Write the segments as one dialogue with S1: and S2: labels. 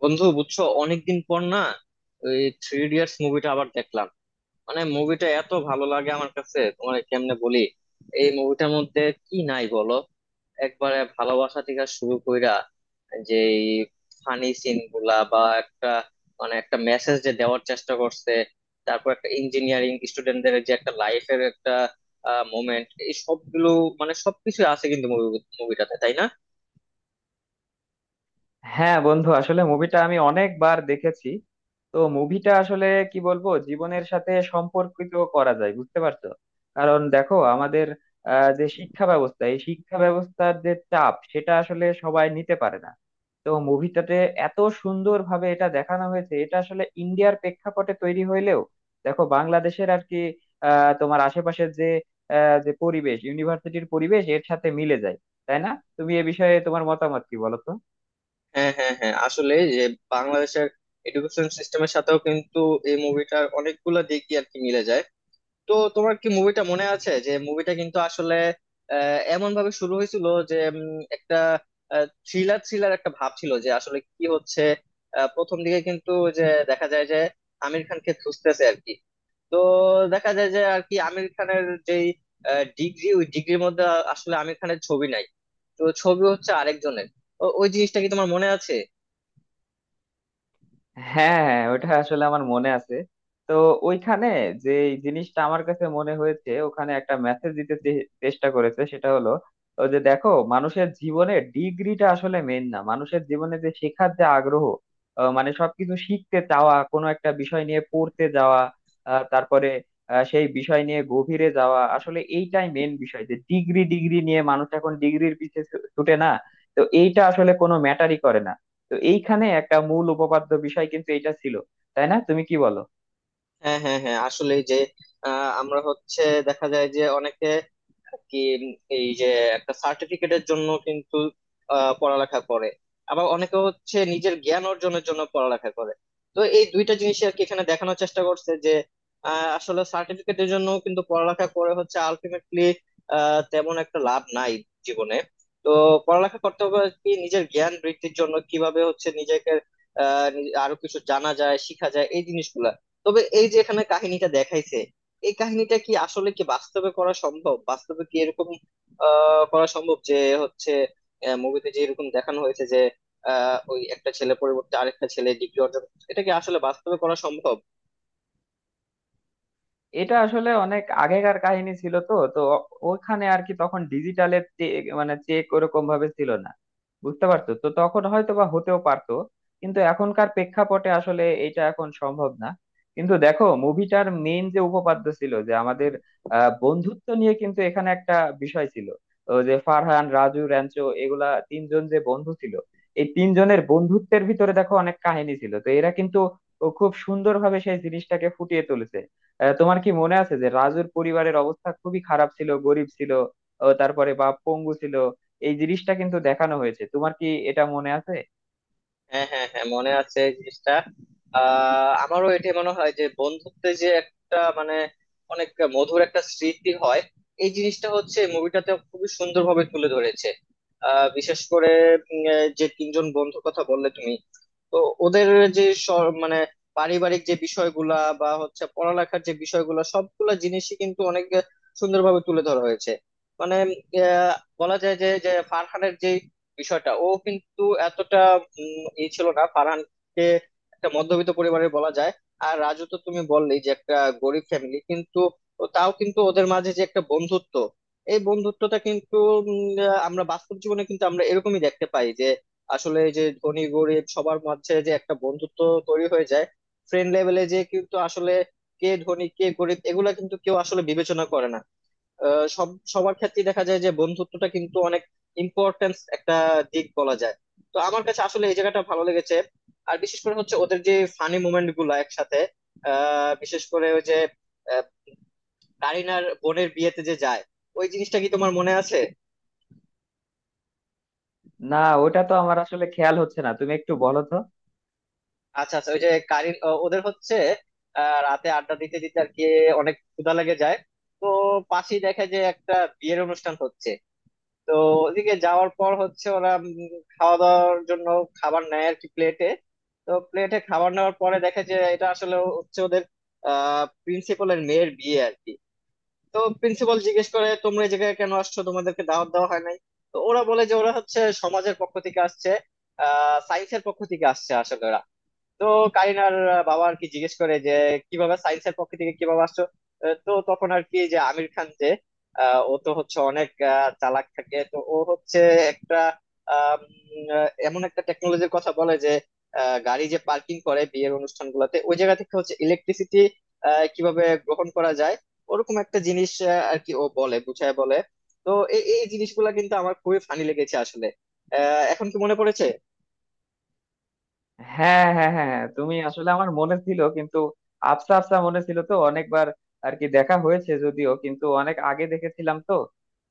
S1: বন্ধু বুঝছো, অনেকদিন পর না? ওই থ্রি ইডিয়টস মুভিটা আবার দেখলাম। মানে মুভিটা এত ভালো লাগে আমার কাছে, তোমার কেমনে বলি। এই মুভিটার মধ্যে কি নাই বলো? একবারে ভালোবাসা থেকে শুরু কইরা, যে ফানি সিন গুলা, বা একটা মানে একটা মেসেজ যে দেওয়ার চেষ্টা করছে, তারপর একটা ইঞ্জিনিয়ারিং স্টুডেন্টদের যে একটা লাইফের একটা মোমেন্ট, এই সবগুলো মানে সবকিছু আছে কিন্তু মুভিটাতে, তাই না?
S2: হ্যাঁ বন্ধু, আসলে মুভিটা আমি অনেকবার দেখেছি। তো মুভিটা আসলে কি বলবো, জীবনের সাথে সম্পর্কিত করা যায়, বুঝতে পারছো? কারণ দেখো আমাদের যে শিক্ষা ব্যবস্থা, এই শিক্ষা ব্যবস্থার যে চাপ সেটা আসলে সবাই নিতে পারে না। তো মুভিটাতে এত সুন্দরভাবে এটা দেখানো হয়েছে, এটা আসলে ইন্ডিয়ার প্রেক্ষাপটে তৈরি হইলেও দেখো বাংলাদেশের আর কি তোমার আশেপাশের যে যে পরিবেশ, ইউনিভার্সিটির পরিবেশ এর সাথে মিলে যায়, তাই না? তুমি এ বিষয়ে তোমার মতামত কি বলো তো।
S1: হ্যাঁ হ্যাঁ হ্যাঁ, আসলে যে বাংলাদেশের এডুকেশন সিস্টেমের সাথেও কিন্তু এই মুভিটার অনেকগুলো দিকই আর কি মিলে যায়। তো তোমার কি মুভিটা মনে আছে, যে মুভিটা কিন্তু আসলে এমন ভাবে শুরু হয়েছিল যে একটা থ্রিলার থ্রিলার একটা ভাব ছিল যে আসলে কি হচ্ছে। প্রথম দিকে কিন্তু যে দেখা যায় যে আমির খানকে খুঁজতেছে আর কি। তো দেখা যায় যে আর কি আমির খানের যেই ডিগ্রি, ওই ডিগ্রির মধ্যে আসলে আমির খানের ছবি নাই, তো ছবি হচ্ছে আরেকজনের। ওই জিনিসটা কি তোমার মনে আছে?
S2: হ্যাঁ হ্যাঁ, ওটা আসলে আমার মনে আছে। তো ওইখানে যে এই জিনিসটা আমার কাছে মনে হয়েছে, ওখানে একটা মেসেজ দিতে চেষ্টা করেছে, সেটা হলো ও যে দেখো মানুষের জীবনে ডিগ্রিটা আসলে মেন না, মানুষের জীবনে যে শেখার যে আগ্রহ, মানে সবকিছু শিখতে চাওয়া, কোনো একটা বিষয় নিয়ে পড়তে যাওয়া, তারপরে সেই বিষয় নিয়ে গভীরে যাওয়া, আসলে এইটাই মেন বিষয়। যে ডিগ্রি ডিগ্রি নিয়ে মানুষ এখন ডিগ্রির পিছে ছুটে না। তো এইটা আসলে কোনো ম্যাটারই করে না। তো এইখানে একটা মূল উপপাদ্য বিষয় কিন্তু এটা ছিল, তাই না? তুমি কি বলো?
S1: হ্যাঁ হ্যাঁ হ্যাঁ, আসলে যে আমরা হচ্ছে দেখা যায় যে অনেকে কি এই যে একটা সার্টিফিকেটের জন্য কিন্তু পড়ালেখা করে, আবার অনেকে হচ্ছে নিজের জ্ঞান অর্জনের জন্য পড়ালেখা করে। তো এই দুইটা জিনিস আর কি এখানে দেখানোর চেষ্টা করছে যে আসলে সার্টিফিকেটের জন্য কিন্তু পড়ালেখা করে হচ্ছে আলটিমেটলি তেমন একটা লাভ নাই জীবনে। তো পড়ালেখা করতে হবে কি নিজের জ্ঞান বৃদ্ধির জন্য, কিভাবে হচ্ছে নিজেকে আরো কিছু জানা যায় শিখা যায় এই জিনিসগুলা। তবে এই যে এখানে কাহিনীটা দেখাইছে, এই কাহিনীটা কি আসলে কি বাস্তবে করা সম্ভব? বাস্তবে কি এরকম করা সম্ভব যে হচ্ছে মুভিতে যে এরকম দেখানো হয়েছে যে ওই একটা ছেলে পরিবর্তে আরেকটা ছেলে ডিগ্রি অর্জন করছে, এটা কি আসলে বাস্তবে করা সম্ভব?
S2: এটা আসলে অনেক আগেকার কাহিনী ছিল, তো তো ও- ওখানে আর কি তখন ডিজিটালের মানে চেক ওরকম ভাবে ছিল না, বুঝতে পারছো? তো তখন হয়তো বা হতেও পারতো, কিন্তু এখনকার প্রেক্ষাপটে আসলে এটা এখন সম্ভব না। কিন্তু দেখো মুভিটার মেইন যে উপপাদ্য ছিল, যে আমাদের বন্ধুত্ব নিয়ে কিন্তু এখানে একটা বিষয় ছিল। তো যে ফারহান, রাজু, র্যাঞ্চো, এগুলা তিনজন যে বন্ধু ছিল, এই তিনজনের বন্ধুত্বের ভিতরে দেখো অনেক কাহিনী ছিল। তো এরা কিন্তু খুব সুন্দরভাবে সেই জিনিসটাকে ফুটিয়ে তুলেছে। তোমার কি মনে আছে যে রাজুর পরিবারের অবস্থা খুবই খারাপ ছিল, গরিব ছিল, ও তারপরে বা পঙ্গু ছিল? এই জিনিসটা কিন্তু দেখানো হয়েছে, তোমার কি এটা মনে আছে?
S1: হ্যাঁ হ্যাঁ হ্যাঁ, মনে আছে এই জিনিসটা। আমারও এটা মনে হয় যে বন্ধুত্বে যে একটা মানে অনেক মধুর একটা স্মৃতি হয়, এই জিনিসটা হচ্ছে মুভিটাতে খুবই সুন্দরভাবে তুলে ধরেছে। বিশেষ করে যে তিনজন বন্ধুর কথা বললে তুমি, তো ওদের যে মানে পারিবারিক যে বিষয়গুলা বা হচ্ছে পড়ালেখার যে বিষয়গুলা সবগুলা জিনিসই কিন্তু অনেক সুন্দরভাবে তুলে ধরা হয়েছে। মানে আহ, বলা যায় যে যে ফারহানের যে বিষয়টা, ও কিন্তু এতটা ই ছিল না, ফারহানকে একটা মধ্যবিত্ত পরিবারের বলা যায়। আর রাজু তো তুমি বললেই যে একটা গরিব ফ্যামিলি, কিন্তু তাও কিন্তু ওদের মাঝে যে একটা বন্ধুত্ব, এই বন্ধুত্বটা কিন্তু আমরা বাস্তব জীবনে কিন্তু আমরা এরকমই দেখতে পাই যে আসলে এই যে ধনী গরিব সবার মাঝে যে একটা বন্ধুত্ব তৈরি হয়ে যায়। ফ্রেন্ড লেভেলে যে কিন্তু আসলে কে ধনী কে গরিব এগুলা কিন্তু কেউ আসলে বিবেচনা করে না। সবার ক্ষেত্রে দেখা যায় যে বন্ধুত্বটা কিন্তু অনেক ইম্পর্টেন্স একটা দিক বলা যায়। তো আমার কাছে আসলে এই জায়গাটা ভালো লেগেছে। আর বিশেষ করে হচ্ছে ওদের যে ফানি মোমেন্ট গুলা একসাথে, বিশেষ করে ওই যে আহ, কারিনার বোনের বিয়েতে যে যায়, ওই জিনিসটা কি তোমার মনে আছে?
S2: না, ওটা তো আমার আসলে খেয়াল হচ্ছে না, তুমি একটু বলো তো।
S1: আচ্ছা আচ্ছা, ওই যে ওদের হচ্ছে রাতে আড্ডা দিতে দিতে আর কি অনেক ক্ষুধা লেগে যায়। তো পাশেই দেখে যে একটা বিয়ের অনুষ্ঠান হচ্ছে। তো ওদিকে যাওয়ার পর হচ্ছে ওরা খাওয়া দাওয়ার জন্য খাবার নেয় আর কি প্লেটে। তো প্লেটে খাবার নেওয়ার পরে দেখে যে এটা আসলে হচ্ছে ওদের প্রিন্সিপালের মেয়ের বিয়ে আর কি। তো প্রিন্সিপাল জিজ্ঞেস করে তোমরা এই জায়গায় কেন আসছো, তোমাদেরকে দাওয়াত দেওয়া হয় নাই। তো ওরা বলে যে ওরা হচ্ছে সমাজের পক্ষ থেকে আসছে, সায়েন্সের পক্ষ থেকে আসছে আসলে ওরা। তো কারিনার বাবা আর কি জিজ্ঞেস করে যে কিভাবে সায়েন্সের পক্ষ থেকে কিভাবে আসছো। তো তখন আর কি যে আমির খান যে ও তো হচ্ছে অনেক চালাক থাকে, তো ও হচ্ছে একটা আম, এমন একটা টেকনোলজির কথা বলে যে গাড়ি যে পার্কিং করে বিয়ের অনুষ্ঠান গুলাতে ওই জায়গা থেকে হচ্ছে ইলেকট্রিসিটি কিভাবে গ্রহণ করা যায়, ওরকম একটা জিনিস আর কি ও বলে বুঝায় বলে। তো এই এই জিনিসগুলা কিন্তু আমার খুবই ফানি লেগেছে আসলে। এখন কি মনে পড়েছে?
S2: হ্যাঁ হ্যাঁ হ্যাঁ হ্যাঁ, তুমি আসলে আমার মনে ছিল কিন্তু আবসা আবসা মনে ছিল। তো অনেকবার আর কি দেখা হয়েছে, যদিও কিন্তু অনেক আগে দেখেছিলাম। তো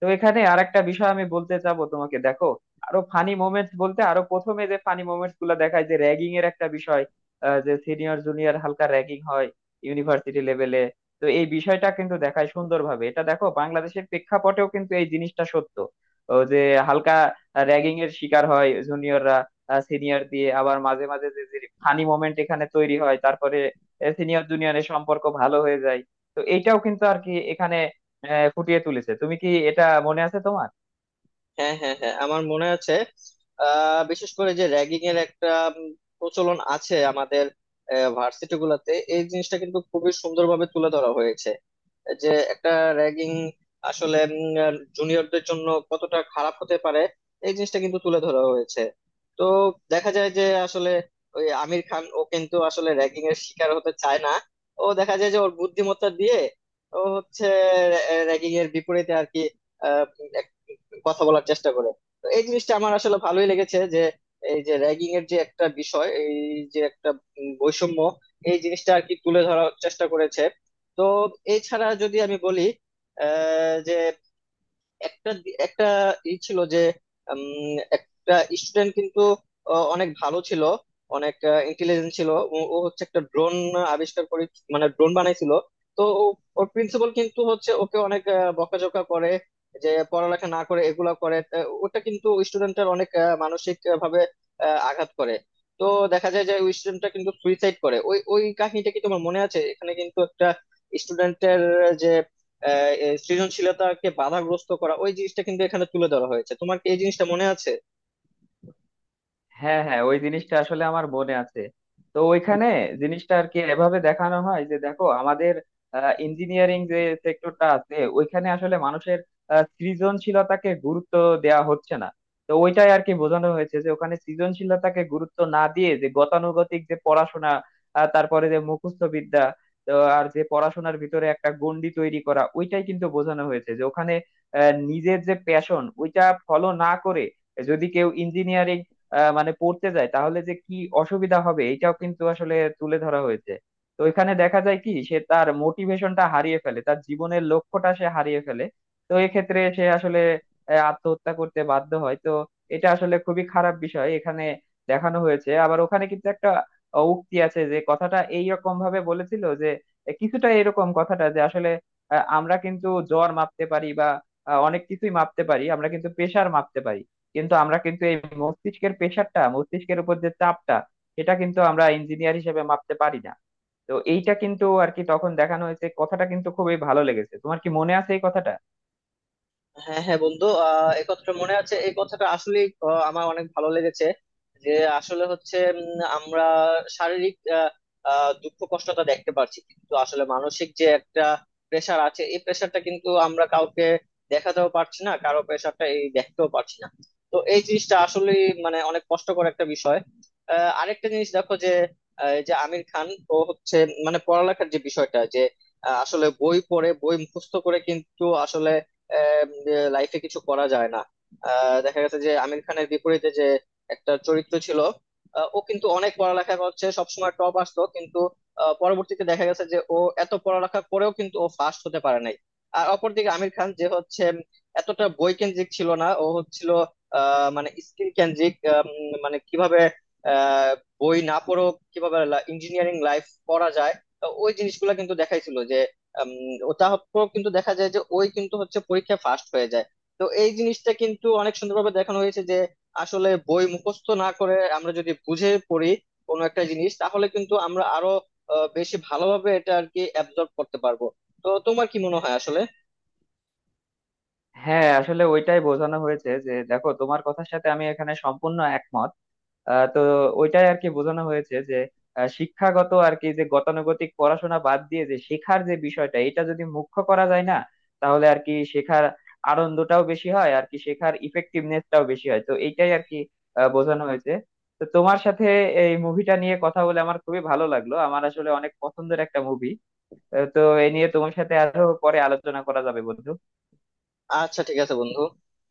S2: তো এখানে আরেকটা বিষয় আমি বলতে চাবো তোমাকে। দেখো আরো ফানি মোমেন্টস বলতে, আরো প্রথমে যে ফানি মোমেন্টস গুলো দেখায় যে র্যাগিং এর একটা বিষয়, যে সিনিয়র জুনিয়র হালকা র্যাগিং হয় ইউনিভার্সিটি লেভেলে। তো এই বিষয়টা কিন্তু দেখায় সুন্দরভাবে, এটা দেখো বাংলাদেশের প্রেক্ষাপটেও কিন্তু এই জিনিসটা সত্য। ও যে হালকা র্যাগিং এর শিকার হয় জুনিয়ররা সিনিয়র দিয়ে, আবার মাঝে মাঝে যে যে ফানি মোমেন্ট এখানে তৈরি হয়, তারপরে সিনিয়র জুনিয়রের সম্পর্ক ভালো হয়ে যায়। তো এটাও কিন্তু আর কি এখানে ফুটিয়ে তুলেছে। তুমি কি এটা মনে আছে তোমার?
S1: হ্যাঁ হ্যাঁ হ্যাঁ, আমার মনে আছে। বিশেষ করে যে র্যাগিং এর একটা উম, প্রচলন আছে আমাদের ভার্সিটি গুলাতে, এই জিনিসটা কিন্তু খুবই সুন্দরভাবে তুলে ধরা হয়েছে যে একটা র্যাগিং আসলে জুনিয়রদের জন্য কতটা খারাপ হতে পারে, এই জিনিসটা কিন্তু তুলে ধরা হয়েছে। তো দেখা যায় যে আসলে ওই আমির খান ও কিন্তু আসলে র্যাগিং এর শিকার হতে চায় না। ও দেখা যায় যে ওর বুদ্ধিমত্তা দিয়ে ও হচ্ছে র্যাগিং এর বিপরীতে আর কি আহ, এক- কথা বলার চেষ্টা করে। তো এই জিনিসটা আমার আসলে ভালোই লেগেছে যে এই যে র্যাগিং এর যে একটা বিষয়, এই যে একটা বৈষম্য, এই জিনিসটা আর কি তুলে ধরার চেষ্টা করেছে। তো এছাড়া যদি আমি বলি যে একটা একটা ই ছিল যে একটা স্টুডেন্ট কিন্তু ও অনেক ভালো ছিল, অনেক ইন্টেলিজেন্ট ছিল। ও ও হচ্ছে একটা ড্রোন আবিষ্কার করে, মানে ড্রোন বানাইছিল। তো ওর প্রিন্সিপাল কিন্তু হচ্ছে ওকে অনেক বকাঝকা করে যে পড়ালেখা না করে এগুলা করে। ওটা কিন্তু স্টুডেন্টের অনেক মানসিক ভাবে আঘাত করে। তো দেখা যায় যে ওই স্টুডেন্টটা কিন্তু সুইসাইড করে। ওই ওই কাহিনীটা কি তোমার মনে আছে? এখানে কিন্তু একটা স্টুডেন্টের যে আহ, এ সৃজনশীলতাকে বাধাগ্রস্ত করা, ওই জিনিসটা কিন্তু এখানে তুলে ধরা হয়েছে। তোমার কি এই জিনিসটা মনে আছে?
S2: হ্যাঁ হ্যাঁ, ওই জিনিসটা আসলে আমার মনে আছে। তো ওইখানে জিনিসটা আর কি এভাবে দেখানো হয় যে দেখো আমাদের ইঞ্জিনিয়ারিং যে সেক্টরটা আছে ওইখানে আসলে মানুষের সৃজনশীলতাকে গুরুত্ব দেওয়া হচ্ছে না। তো ওইটাই আর কি বোঝানো হয়েছে যে ওখানে সৃজনশীলতাকে গুরুত্ব না দিয়ে যে গতানুগতিক যে পড়াশোনা, তারপরে যে মুখস্থ বিদ্যা, তো আর যে পড়াশোনার ভিতরে একটা গণ্ডি তৈরি করা, ওইটাই কিন্তু বোঝানো হয়েছে। যে ওখানে নিজের যে প্যাশন ওইটা ফলো না করে যদি কেউ ইঞ্জিনিয়ারিং মানে পড়তে যায়, তাহলে যে কি অসুবিধা হবে, এটাও কিন্তু আসলে তুলে ধরা হয়েছে। তো এখানে দেখা যায় কি সে তার মোটিভেশনটা হারিয়ে ফেলে, তার জীবনের লক্ষ্যটা সে হারিয়ে ফেলে। তো এক্ষেত্রে সে আসলে আত্মহত্যা করতে বাধ্য হয়। তো এটা আসলে খুবই খারাপ বিষয়, এখানে দেখানো হয়েছে। আবার ওখানে কিন্তু একটা উক্তি আছে, যে কথাটা এইরকম ভাবে বলেছিল যে কিছুটা এরকম কথাটা যে আসলে আমরা কিন্তু জ্বর মাপতে পারি বা অনেক কিছুই মাপতে পারি, আমরা কিন্তু প্রেসার মাপতে পারি, কিন্তু আমরা কিন্তু এই মস্তিষ্কের প্রেশারটা, মস্তিষ্কের উপর যে চাপটা, সেটা কিন্তু আমরা ইঞ্জিনিয়ার হিসেবে মাপতে পারি না। তো এইটা কিন্তু আর কি তখন দেখানো হয়েছে, কথাটা কিন্তু খুবই ভালো লেগেছে। তোমার কি মনে আছে এই কথাটা?
S1: হ্যাঁ হ্যাঁ বন্ধু, একথা মনে আছে। এই কথাটা আসলে আমার অনেক ভালো লেগেছে যে আসলে হচ্ছে আমরা শারীরিক আহ, আহ, দুঃখ কষ্টটা দেখতে পারছি কিন্তু আসলে মানসিক যে একটা প্রেশার আছে, এই প্রেশারটা কিন্তু আমরা কাউকে দেখাতেও পারছি না, কারো প্রেশারটা এই দেখতেও পারছি না। তো এই জিনিসটা আসলে মানে অনেক কষ্টকর একটা বিষয়। আরেকটা জিনিস দেখো যে এই যে আমির খান ও হচ্ছে মানে পড়ালেখার যে বিষয়টা যে আসলে বই পড়ে বই মুখস্থ করে কিন্তু আসলে লাইফে কিছু করা যায় না। দেখা গেছে যে আমির খানের বিপরীতে যে একটা চরিত্র ছিল, ও কিন্তু অনেক পড়ালেখা করছে, সবসময় টপ আসতো, কিন্তু পরবর্তীতে দেখা গেছে যে ও এত পড়ালেখা করেও কিন্তু ও ফার্স্ট হতে পারে নাই। আর অপরদিকে আমির খান যে হচ্ছে এতটা বই কেন্দ্রিক ছিল না, ও হচ্ছিল মানে স্কিল কেন্দ্রিক। মানে কিভাবে আহ, বই না পড়েও কিভাবে ইঞ্জিনিয়ারিং লাইফ পড়া যায়, তো ওই জিনিসগুলো কিন্তু দেখাইছিল যে ও তারপর কিন্তু দেখা যায় যে ওই কিন্তু হচ্ছে পরীক্ষায় ফার্স্ট হয়ে যায়। তো এই জিনিসটা কিন্তু অনেক সুন্দরভাবে দেখানো হয়েছে যে আসলে বই মুখস্থ না করে আমরা যদি বুঝে পড়ি কোনো একটা জিনিস, তাহলে কিন্তু আমরা আরো বেশি ভালোভাবে এটা আর কি অ্যাবজর্ব করতে পারবো। তো তোমার কি মনে হয় আসলে?
S2: হ্যাঁ, আসলে ওইটাই বোঝানো হয়েছে যে দেখো তোমার কথার সাথে আমি এখানে সম্পূর্ণ একমত। তো ওইটাই আর কি বোঝানো হয়েছে যে শিক্ষাগত আর কি যে গতানুগতিক পড়াশোনা বাদ দিয়ে যে শেখার যে বিষয়টা এটা যদি মুখ্য করা যায় না, তাহলে আর কি শেখার আনন্দটাও বেশি হয়, আর কি শেখার ইফেক্টিভনেসটাও বেশি হয়। তো এইটাই আর কি বোঝানো হয়েছে। তো তোমার সাথে এই মুভিটা নিয়ে কথা বলে আমার খুবই ভালো লাগলো, আমার আসলে অনেক পছন্দের একটা মুভি। তো এ নিয়ে তোমার সাথে আরো পরে আলোচনা করা যাবে বন্ধু।
S1: আচ্ছা ঠিক আছে বন্ধু।